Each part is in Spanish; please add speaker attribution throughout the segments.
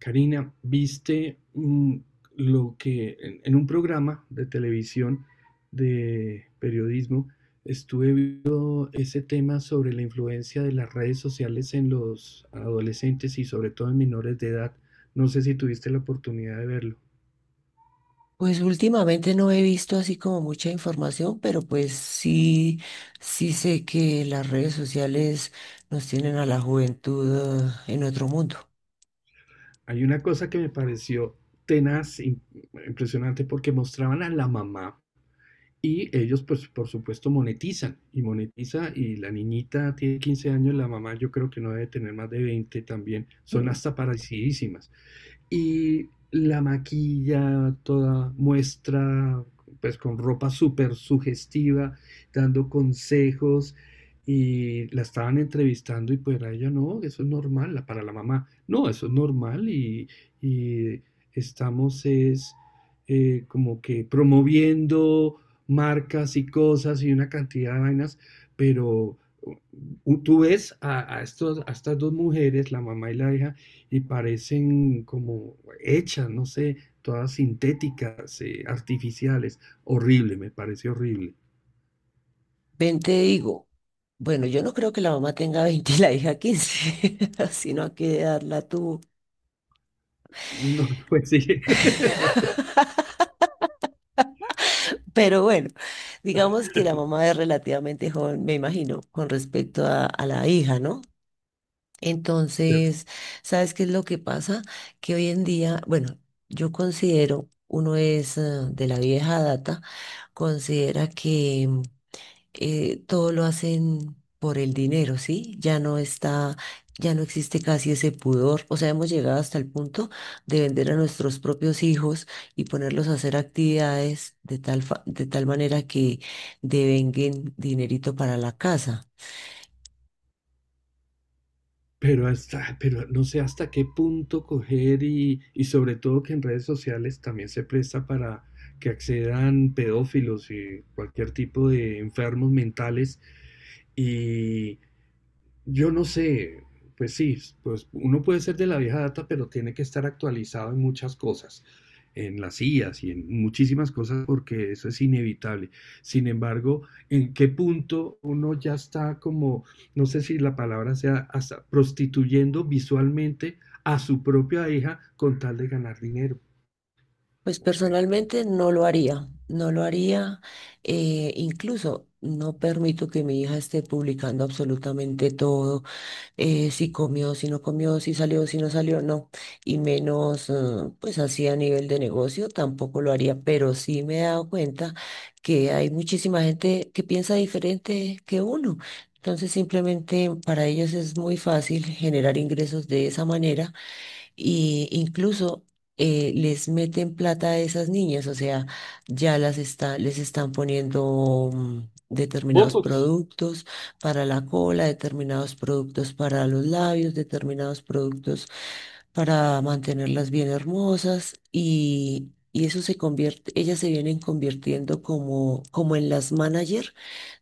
Speaker 1: Karina, ¿viste lo que en un programa de televisión de periodismo estuve viendo ese tema sobre la influencia de las redes sociales en los adolescentes y sobre todo en menores de edad? No sé si tuviste la oportunidad de verlo.
Speaker 2: Pues últimamente no he visto así como mucha información, pero pues sí, sí sé que las redes sociales nos tienen a la juventud en otro mundo.
Speaker 1: Hay una cosa que me pareció tenaz, impresionante, porque mostraban a la mamá. Y ellos, pues, por supuesto, monetizan y monetiza, y la niñita tiene 15 años, la mamá yo creo que no debe tener más de 20 también, son hasta parecidísimas, y la maquilla, toda muestra, pues, con ropa súper sugestiva, dando consejos, y la estaban entrevistando y pues a ella no, eso es normal, para la mamá, no, eso es normal. Y estamos es como que promoviendo marcas y cosas y una cantidad de vainas, pero tú ves a, a estas dos mujeres, la mamá y la hija, y parecen como hechas, no sé, todas sintéticas, artificiales. Horrible, me parece horrible.
Speaker 2: Ven, te digo, bueno, yo no creo que la mamá tenga 20 y la hija 15, sino a qué edad la tuvo.
Speaker 1: No, pues sí.
Speaker 2: Pero bueno, digamos que la mamá es relativamente joven, me imagino, con respecto a la hija, ¿no? Entonces, ¿sabes qué es lo que pasa? Que hoy en día, bueno, yo considero, uno es de la vieja data, considera que todo lo hacen por el dinero, ¿sí? Ya no está, ya no existe casi ese pudor. O sea, hemos llegado hasta el punto de vender a nuestros propios hijos y ponerlos a hacer actividades de tal, de tal manera que devenguen dinerito para la casa.
Speaker 1: Pero hasta, pero no sé hasta qué punto coger y sobre todo que en redes sociales también se presta para que accedan pedófilos y cualquier tipo de enfermos mentales, y yo no sé, pues sí, pues uno puede ser de la vieja data, pero tiene que estar actualizado en muchas cosas, en las IAs y en muchísimas cosas, porque eso es inevitable. Sin embargo, ¿en qué punto uno ya está como, no sé si la palabra sea, hasta prostituyendo visualmente a su propia hija con tal de ganar dinero?
Speaker 2: Pues
Speaker 1: No sé.
Speaker 2: personalmente no lo haría, no lo haría, incluso no permito que mi hija esté publicando absolutamente todo, si comió, si no comió, si salió, si no salió, no, y menos pues así a nivel de negocio tampoco lo haría, pero sí me he dado cuenta que hay muchísima gente que piensa diferente que uno, entonces simplemente para ellos es muy fácil generar ingresos de esa manera y incluso les meten plata a esas niñas, o sea, ya las está, les están poniendo determinados
Speaker 1: Botox.
Speaker 2: productos para la cola, determinados productos para los labios, determinados productos para mantenerlas bien hermosas y eso se convierte, ellas se vienen convirtiendo como, como en las manager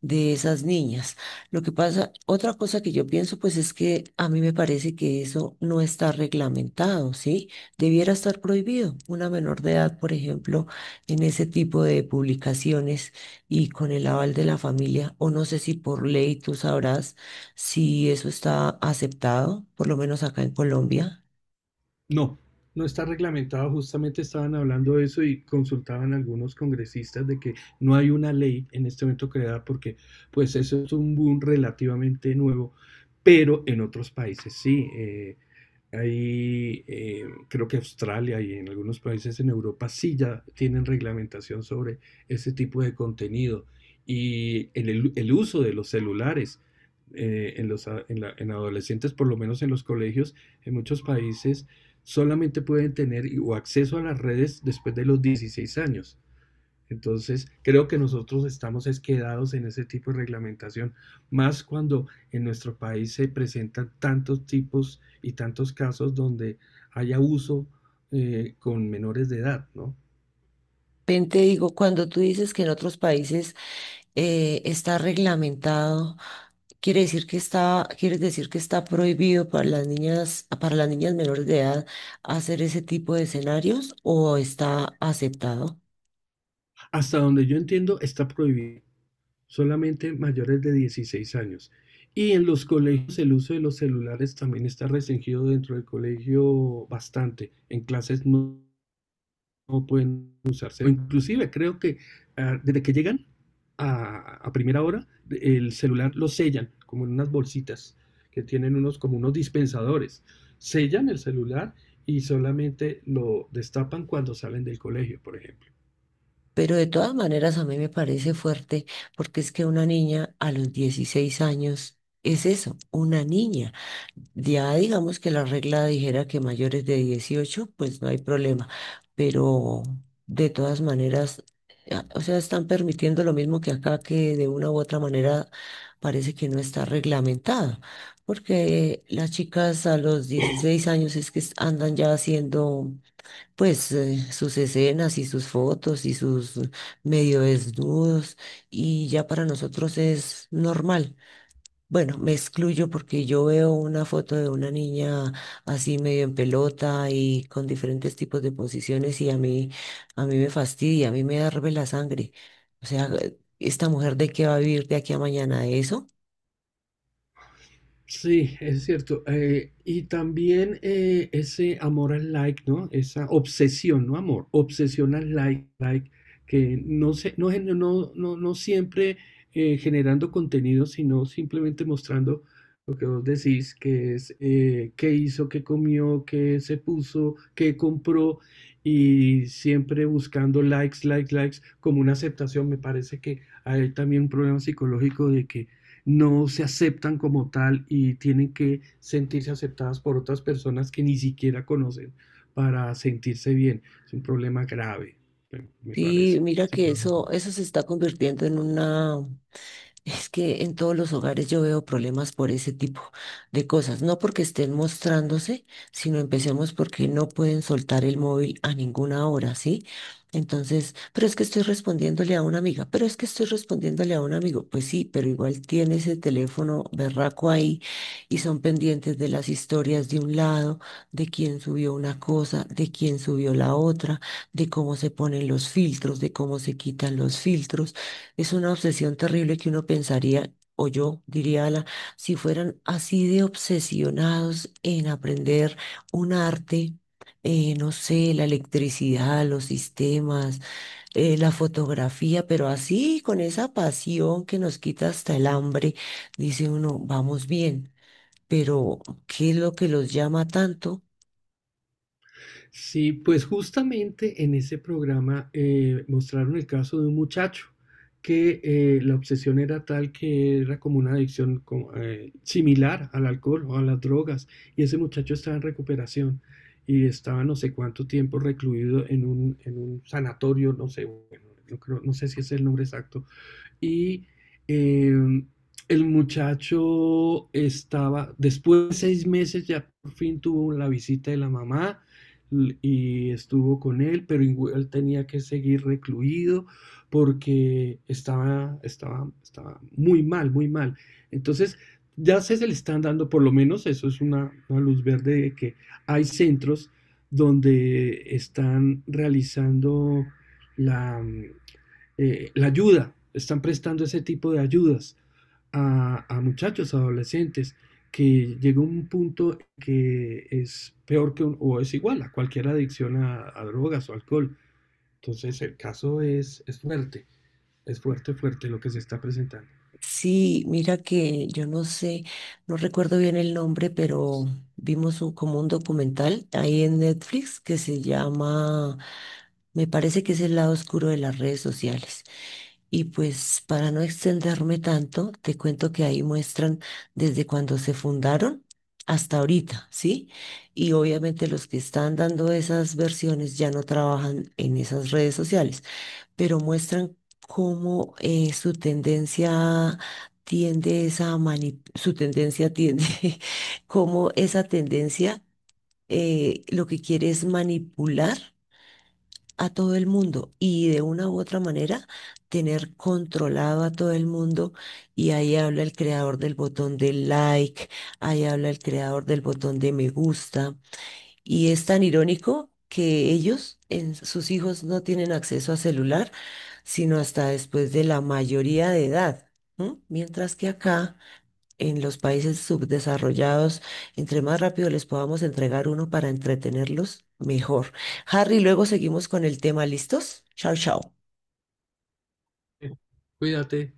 Speaker 2: de esas niñas. Lo que pasa, otra cosa que yo pienso, pues es que a mí me parece que eso no está reglamentado, ¿sí? Debiera estar prohibido una menor de edad, por ejemplo, en ese tipo de publicaciones y con el aval de la familia, o no sé si por ley tú sabrás si eso está aceptado, por lo menos acá en Colombia.
Speaker 1: No, no está reglamentado. Justamente estaban hablando de eso y consultaban algunos congresistas de que no hay una ley en este momento creada, porque pues eso es un boom relativamente nuevo, pero en otros países sí. Hay, eh, Creo que Australia y en algunos países en Europa sí ya tienen reglamentación sobre ese tipo de contenido y el uso de los celulares en, los, en en adolescentes, por lo menos en los colegios, en muchos países solamente pueden tener o acceso a las redes después de los 16 años. Entonces, creo que nosotros estamos quedados en ese tipo de reglamentación, más cuando en nuestro país se presentan tantos tipos y tantos casos donde hay abuso con menores de edad, ¿no?
Speaker 2: Ven, te digo, cuando tú dices que en otros países está reglamentado, quiere decir que está, quieres decir que está prohibido para las niñas menores de edad hacer ese tipo de escenarios ¿o está aceptado?
Speaker 1: Hasta donde yo entiendo, está prohibido solamente mayores de 16 años. Y en los colegios el uso de los celulares también está restringido dentro del colegio bastante, en clases no pueden usarse. O inclusive creo que desde que llegan a primera hora, el celular lo sellan como en unas bolsitas que tienen unos como unos dispensadores. Sellan el celular y solamente lo destapan cuando salen del colegio, por ejemplo.
Speaker 2: Pero de todas maneras a mí me parece fuerte porque es que una niña a los 16 años es eso, una niña. Ya digamos que la regla dijera que mayores de 18 pues no hay problema. Pero de todas maneras, o sea, están permitiendo lo mismo que acá, que de una u otra manera parece que no está reglamentado. Porque las chicas a los 16 años es que andan ya haciendo pues sus escenas y sus fotos y sus medio desnudos y ya para nosotros es normal. Bueno, me excluyo porque yo veo una foto de una niña así medio en pelota y con diferentes tipos de posiciones y a mí me fastidia, a mí me hierve la sangre. O sea, ¿esta mujer de qué va a vivir de aquí a mañana? ¿De eso?
Speaker 1: Sí, es cierto. Y también ese amor al like, ¿no? Esa obsesión, no amor, obsesión al like, like, que no se, no, gen- no, no, no siempre generando contenido, sino simplemente mostrando lo que vos decís, que es qué hizo, qué comió, qué se puso, qué compró, y siempre buscando likes, likes, likes, como una aceptación. Me parece que hay también un problema psicológico de que no se aceptan como tal y tienen que sentirse aceptadas por otras personas que ni siquiera conocen para sentirse bien. Es un problema grave, me
Speaker 2: Sí,
Speaker 1: parece.
Speaker 2: mira
Speaker 1: Sí,
Speaker 2: que
Speaker 1: claro.
Speaker 2: eso se está convirtiendo en una. Es que en todos los hogares yo veo problemas por ese tipo de cosas, no porque estén mostrándose, sino empecemos porque no pueden soltar el móvil a ninguna hora, ¿sí? Entonces, pero es que estoy respondiéndole a una amiga, pero es que estoy respondiéndole a un amigo, pues sí, pero igual tiene ese teléfono berraco ahí y son pendientes de las historias de un lado, de quién subió una cosa, de quién subió la otra, de cómo se ponen los filtros, de cómo se quitan los filtros. Es una obsesión terrible que uno pensaría, o yo diría, Ala, si fueran así de obsesionados en aprender un arte, no sé, la electricidad, los sistemas, la fotografía, pero así con esa pasión que nos quita hasta el hambre, dice uno, vamos bien, pero ¿qué es lo que los llama tanto?
Speaker 1: Sí, pues justamente en ese programa mostraron el caso de un muchacho que la obsesión era tal que era como una adicción como, similar al alcohol o a las drogas, y ese muchacho estaba en recuperación y estaba no sé cuánto tiempo recluido en en un sanatorio, no sé, bueno, no, no sé si es el nombre exacto, y eh, el muchacho estaba, después de 6 meses ya por fin tuvo la visita de la mamá y estuvo con él, pero él tenía que seguir recluido porque estaba muy mal, muy mal. Entonces, ya se le están dando, por lo menos eso es una luz verde de que hay centros donde están realizando la, la ayuda, están prestando ese tipo de ayudas a muchachos, adolescentes, que llega un punto que es peor que un, o es igual a cualquier adicción a drogas o alcohol. Entonces el caso es fuerte, fuerte lo que se está presentando.
Speaker 2: Sí, mira que yo no sé, no recuerdo bien el nombre, pero vimos como un documental ahí en Netflix que se llama, me parece que es el lado oscuro de las redes sociales. Y pues para no extenderme tanto, te cuento que ahí muestran desde cuando se fundaron hasta ahorita, ¿sí? Y obviamente los que están dando esas versiones ya no trabajan en esas redes sociales, pero muestran cómo su tendencia tiende esa su tendencia tiende, cómo esa tendencia lo que quiere es manipular a todo el mundo y de una u otra manera tener controlado a todo el mundo, y ahí habla el creador del botón de like, ahí habla el creador del botón de me gusta. Y es tan irónico que ellos, en sus hijos, no tienen acceso a celular, sino hasta después de la mayoría de edad. ¿M? Mientras que acá, en los países subdesarrollados, entre más rápido les podamos entregar uno para entretenerlos, mejor. Harry, luego seguimos con el tema. ¿Listos? Chao, chao.
Speaker 1: Cuídate.